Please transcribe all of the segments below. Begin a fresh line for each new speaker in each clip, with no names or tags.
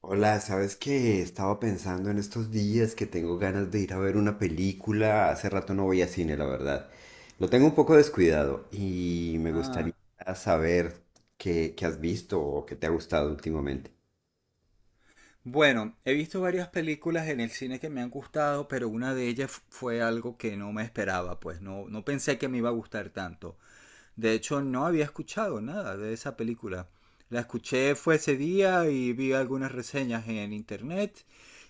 Hola, ¿sabes qué? Estaba pensando en estos días que tengo ganas de ir a ver una película. Hace rato no voy a cine, la verdad. Lo tengo un poco descuidado y me gustaría
Ah,
saber qué has visto o qué te ha gustado últimamente.
bueno, he visto varias películas en el cine que me han gustado, pero una de ellas fue algo que no me esperaba, pues no pensé que me iba a gustar tanto. De hecho, no había escuchado nada de esa película. La escuché fue ese día y vi algunas reseñas en internet,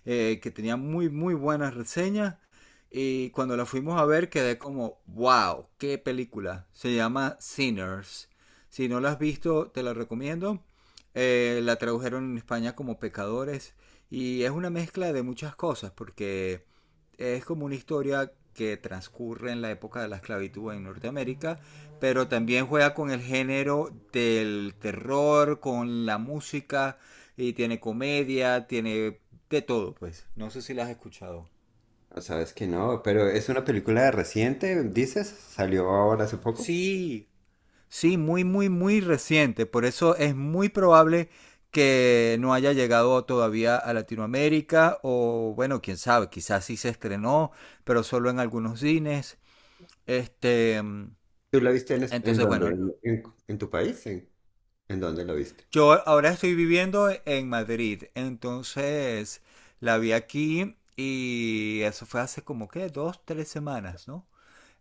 que tenían muy buenas reseñas. Y cuando la fuimos a ver quedé como, wow, qué película. Se llama Sinners. Si no la has visto, te la recomiendo. La tradujeron en España como Pecadores. Y es una mezcla de muchas cosas, porque es como una historia que transcurre en la época de la esclavitud en Norteamérica, pero también juega con el género del terror, con la música, y tiene comedia, tiene de todo, pues. No sé si la has escuchado.
No, sabes que no, pero es una película reciente, dices, salió ahora hace poco.
Sí, sí, muy reciente. Por eso es muy probable que no haya llegado todavía a Latinoamérica o bueno, quién sabe, quizás sí se estrenó, pero solo en algunos cines. Este,
¿Tú la viste en, en
entonces,
dónde?
bueno,
¿En tu país? En dónde la viste?
yo ahora estoy viviendo en Madrid, entonces la vi aquí y eso fue hace como que dos, tres semanas, ¿no?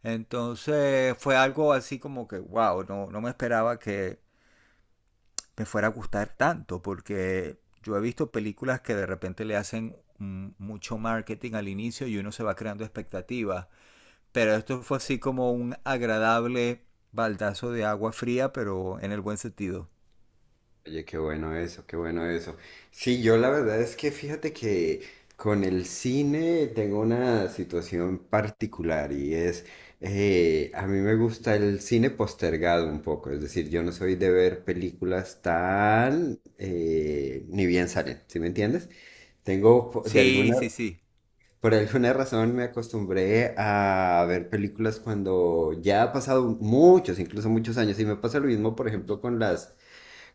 Entonces fue algo así como que, wow, no me esperaba que me fuera a gustar tanto, porque yo he visto películas que de repente le hacen mucho marketing al inicio y uno se va creando expectativas, pero esto fue así como un agradable baldazo de agua fría, pero en el buen sentido.
Oye, qué bueno eso, qué bueno eso. Sí, yo la verdad es que fíjate que con el cine tengo una situación particular y es, a mí me gusta el cine postergado un poco, es decir, yo no soy de ver películas tan, ni bien salen, ¿sí me entiendes? Tengo, po- de
Sí,
alguna,
sí, sí.
Por alguna razón me acostumbré a ver películas cuando ya ha pasado muchos, incluso muchos años, y me pasa lo mismo, por ejemplo, con las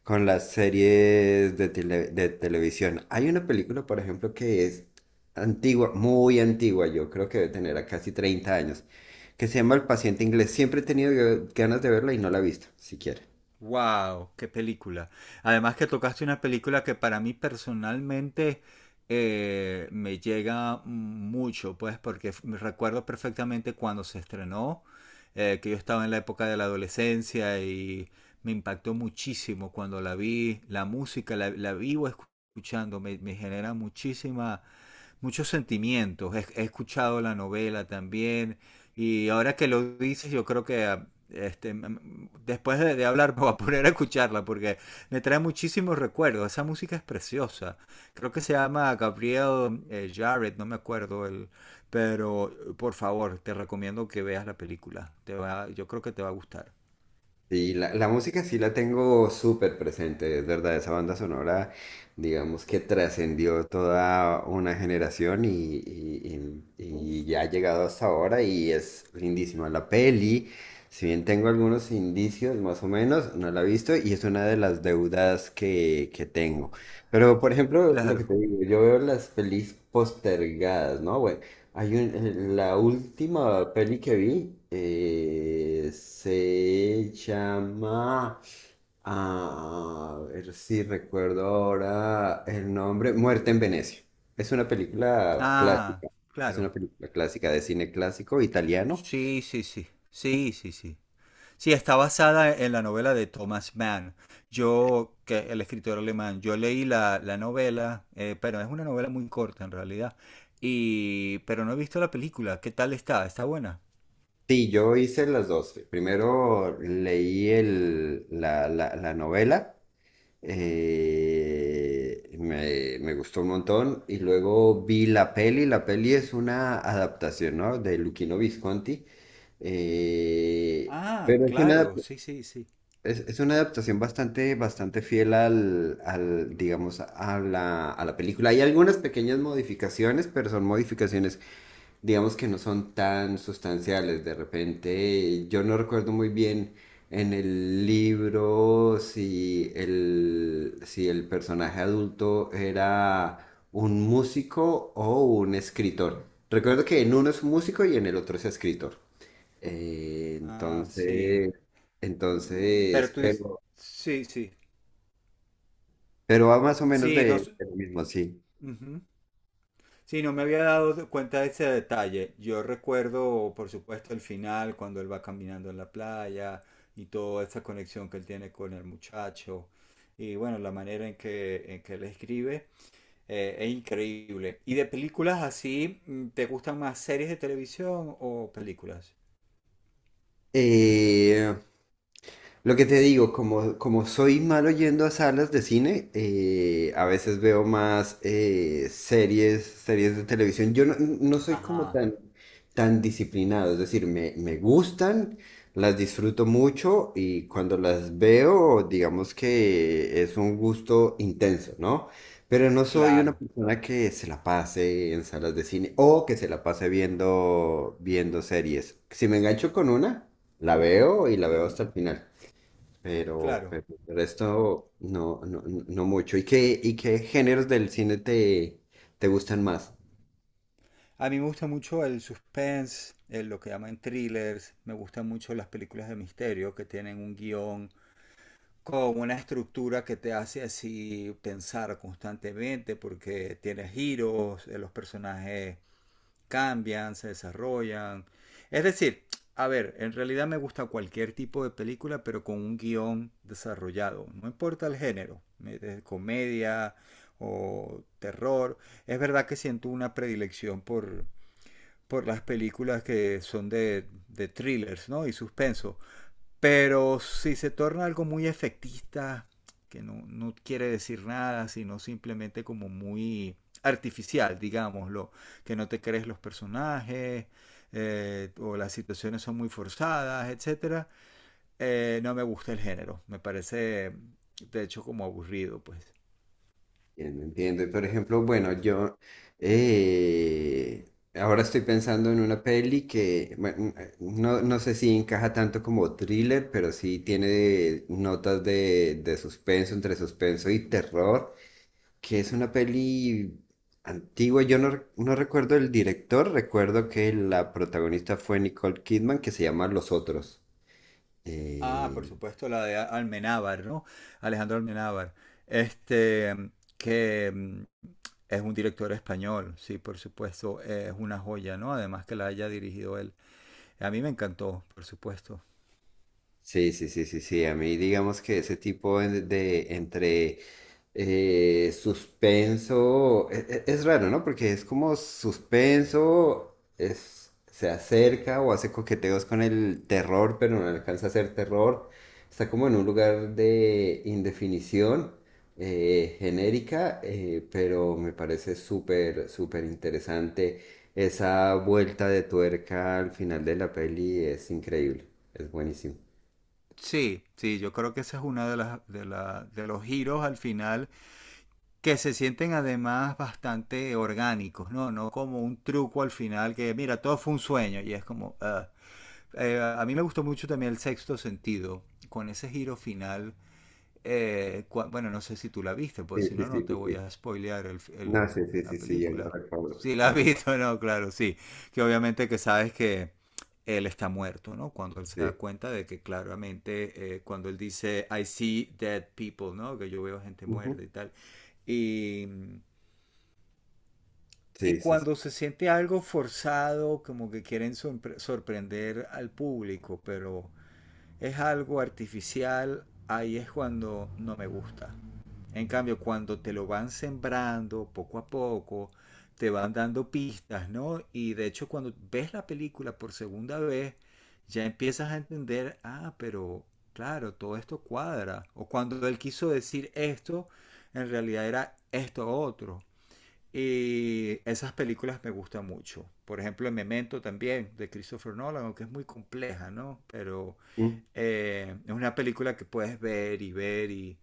con las series de, de televisión. Hay una película, por ejemplo, que es antigua, muy antigua, yo creo que debe tener a casi 30 años, que se llama El paciente inglés. Siempre he tenido ganas de verla y no la he visto, siquiera.
Wow, qué película. Además que tocaste una película que para mí personalmente, me llega mucho, pues porque me recuerdo perfectamente cuando se estrenó, que yo estaba en la época de la adolescencia y me impactó muchísimo cuando la vi, la música, la vivo escuchando, me genera muchísima, muchos sentimientos. He escuchado la novela también, y ahora que lo dices, yo creo que ah, este, después de hablar me voy a poner a escucharla porque me trae muchísimos recuerdos. Esa música es preciosa. Creo que se llama Gabriel, Jarrett, no me acuerdo el, pero por favor, te recomiendo que veas la película. Te va, yo creo que te va a gustar.
Sí, la música sí la tengo súper presente, es verdad, esa banda sonora, digamos que trascendió toda una generación, y ya ha llegado hasta ahora y es lindísima. La peli, si bien tengo algunos indicios más o menos, no la he visto y es una de las deudas que tengo. Pero, por ejemplo, lo que
Claro.
te digo, yo veo las pelis postergadas, ¿no? Bueno, la última peli que vi se llama, a ver si recuerdo ahora el nombre, Muerte en Venecia. Es una película
Ah,
clásica, es
claro.
una película clásica de cine clásico italiano.
Sí, sí, sí. Sí, sí, sí. Sí, está basada en la novela de Thomas Mann. Yo, que el escritor alemán, yo leí la, la novela, pero es una novela muy corta en realidad. Y, pero no he visto la película. ¿Qué tal está? ¿Está buena?
Sí, yo hice las dos. Primero leí el, la, la novela. Me gustó un montón y luego vi la peli. La peli es una adaptación, ¿no? De Luchino Visconti. eh,
Ah,
pero es una,
claro, sí, sí, sí.
es una adaptación bastante, bastante fiel al, al, digamos, a la película. Hay algunas pequeñas modificaciones, pero son modificaciones digamos que no son tan sustanciales. De repente, yo no recuerdo muy bien en el libro si el, si el personaje adulto era un músico o un escritor. Recuerdo que en uno es un músico y en el otro es escritor. Eh,
Ah, sí.
entonces,
Pero
entonces,
tú dices,
pero,
sí, sí.
pero va más o menos
Sí, no.
de lo mismo, sí.
Ujú. Sí, no me había dado cuenta de ese detalle. Yo recuerdo, por supuesto, el final, cuando él va caminando en la playa y toda esa conexión que él tiene con el muchacho. Y bueno, la manera en que él escribe, es increíble. ¿Y de películas así, te gustan más series de televisión o películas?
Eh, Lo que te digo, como, como soy malo yendo a salas de cine, a veces veo más series, series de televisión. Yo no, No soy como
Ajá,
tan, tan disciplinado, es decir, me gustan, las disfruto mucho y cuando las veo, digamos que es un gusto intenso, ¿no? Pero no soy una
claro.
persona que se la pase en salas de cine o que se la pase viendo, viendo series. Si me engancho con una, la veo y la
Sí,
veo hasta el final.
claro.
Pero el resto no, no, no mucho. Y qué géneros del cine te, te gustan más?
A mí me gusta mucho el suspense, lo que llaman thrillers. Me gustan mucho las películas de misterio que tienen un guión con una estructura que te hace así pensar constantemente porque tiene giros, los personajes cambian, se desarrollan. Es decir, a ver, en realidad me gusta cualquier tipo de película, pero con un guión desarrollado. No importa el género, de comedia o terror. Es verdad que siento una predilección por las películas que son de thrillers, ¿no? Y suspenso. Pero si se torna algo muy efectista, que no quiere decir nada, sino simplemente como muy artificial, digámoslo, que no te crees los personajes, o las situaciones son muy forzadas, etcétera, no me gusta el género. Me parece, de hecho, como aburrido, pues.
Entiendo, entiendo. Y, por ejemplo, bueno, yo, eh, ahora estoy pensando en una peli que bueno, no, no sé si encaja tanto como thriller, pero sí tiene notas de suspenso, entre suspenso y terror. Que es una peli antigua. Yo no, re- No recuerdo el director, recuerdo que la protagonista fue Nicole Kidman, que se llama Los Otros.
Ah, por
eh,
supuesto, la de Almenábar, ¿no? Alejandro Almenábar. Este, que es un director español, sí, por supuesto, es una joya, ¿no? Además que la haya dirigido él. A mí me encantó, por supuesto.
Sí, sí, sí, sí, sí. A mí digamos que ese tipo de, entre suspenso, es, raro, ¿no? Porque es como suspenso, es, se acerca o hace coqueteos con el terror, pero no alcanza a ser terror. Está como en un lugar de indefinición genérica, pero me parece súper, súper interesante. Esa vuelta de tuerca al final de la peli es increíble, es buenísimo.
Sí, sí, yo creo que ese es uno de, las, de, de los giros al final que se sienten además bastante orgánicos, ¿no? No como un truco al final que, mira, todo fue un sueño y es como... ah. A mí me gustó mucho también el sexto sentido, con ese giro final. Bueno, no sé si tú la viste,
Sí,
pues si
sí,
no, no
sí,
te
sí,
voy
sí.
a spoilear
No,
el,
sí, sí, sí,
la
sí, yo
película. Si la has
lo recuerdo,
visto, no, claro, sí. Que obviamente que sabes que él está muerto, ¿no? Cuando él se da
sí.
cuenta de que claramente, cuando él dice, I see dead people, ¿no? Que yo veo gente muerta
Ujú.
y tal. Y, y
Sí, sí, sí.
cuando se siente algo forzado, como que quieren sorprender al público, pero es algo artificial, ahí es cuando no me gusta. En cambio, cuando te lo van sembrando poco a poco, te van dando pistas, ¿no? Y de hecho, cuando ves la película por segunda vez, ya empiezas a entender, ah, pero claro, todo esto cuadra. O cuando él quiso decir esto, en realidad era esto otro. Y esas películas me gustan mucho. Por ejemplo, el Memento también, de Christopher Nolan, aunque es muy compleja, ¿no? Pero
Mm.
es una película que puedes ver y ver y...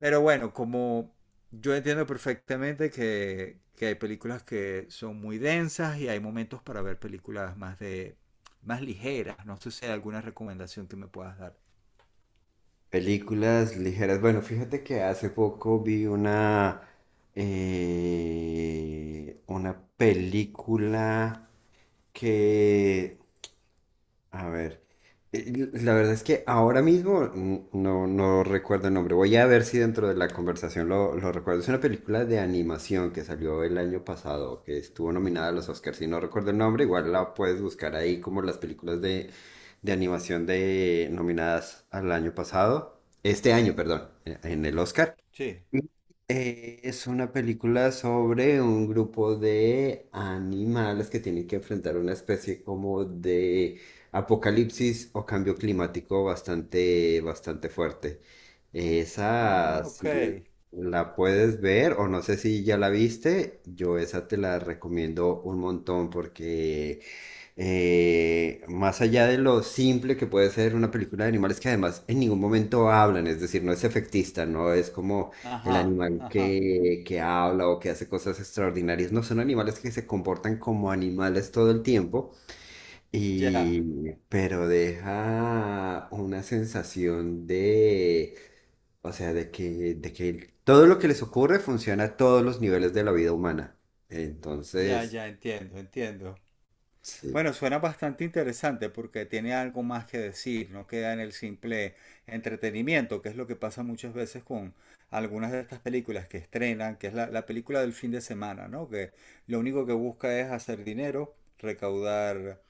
Pero bueno, como yo entiendo perfectamente que hay películas que son muy densas y hay momentos para ver películas más de más ligeras. No sé si hay alguna recomendación que me puedas dar.
Películas ligeras. Bueno, fíjate que hace poco vi una película que a ver, la verdad es que ahora mismo no, no recuerdo el nombre. Voy a ver si dentro de la conversación lo recuerdo. Es una película de animación que salió el año pasado, que estuvo nominada a los Oscars. Si no recuerdo el nombre, igual la puedes buscar ahí como las películas de animación de nominadas al año pasado. Este año, perdón, en el Oscar.
Sí.
Y, es una película sobre un grupo de animales que tienen que enfrentar una especie como de apocalipsis o cambio climático bastante, bastante fuerte.
Ah,
Esa,
ok.
si l- la puedes ver o no sé si ya la viste, yo esa te la recomiendo un montón porque, más allá de lo simple que puede ser una película de animales que además en ningún momento hablan, es decir, no es efectista, no es como el
Ajá,
animal
ajá.
que habla o que hace cosas extraordinarias, no son animales que se comportan como animales todo el tiempo,
Ya,
y, pero deja una sensación de, o sea, de que todo lo que les ocurre funciona a todos los niveles de la vida humana.
ya,
Entonces,
ya, entiendo, entiendo.
sí.
Bueno, suena bastante interesante porque tiene algo más que decir, no queda en el simple entretenimiento, que es lo que pasa muchas veces con algunas de estas películas que estrenan, que es la, la película del fin de semana, ¿no? Que lo único que busca es hacer dinero, recaudar,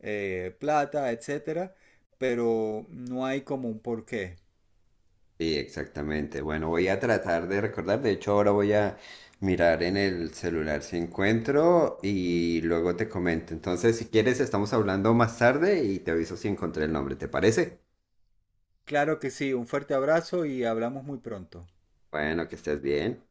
plata, etcétera, pero no hay como un porqué.
Sí, exactamente. Bueno, voy a tratar de recordar. De hecho, ahora voy a mirar en el celular si encuentro y luego te comento. Entonces, si quieres, estamos hablando más tarde y te aviso si encontré el nombre. ¿Te parece?
Claro que sí, un fuerte abrazo y hablamos muy pronto.
Bueno, que estés bien.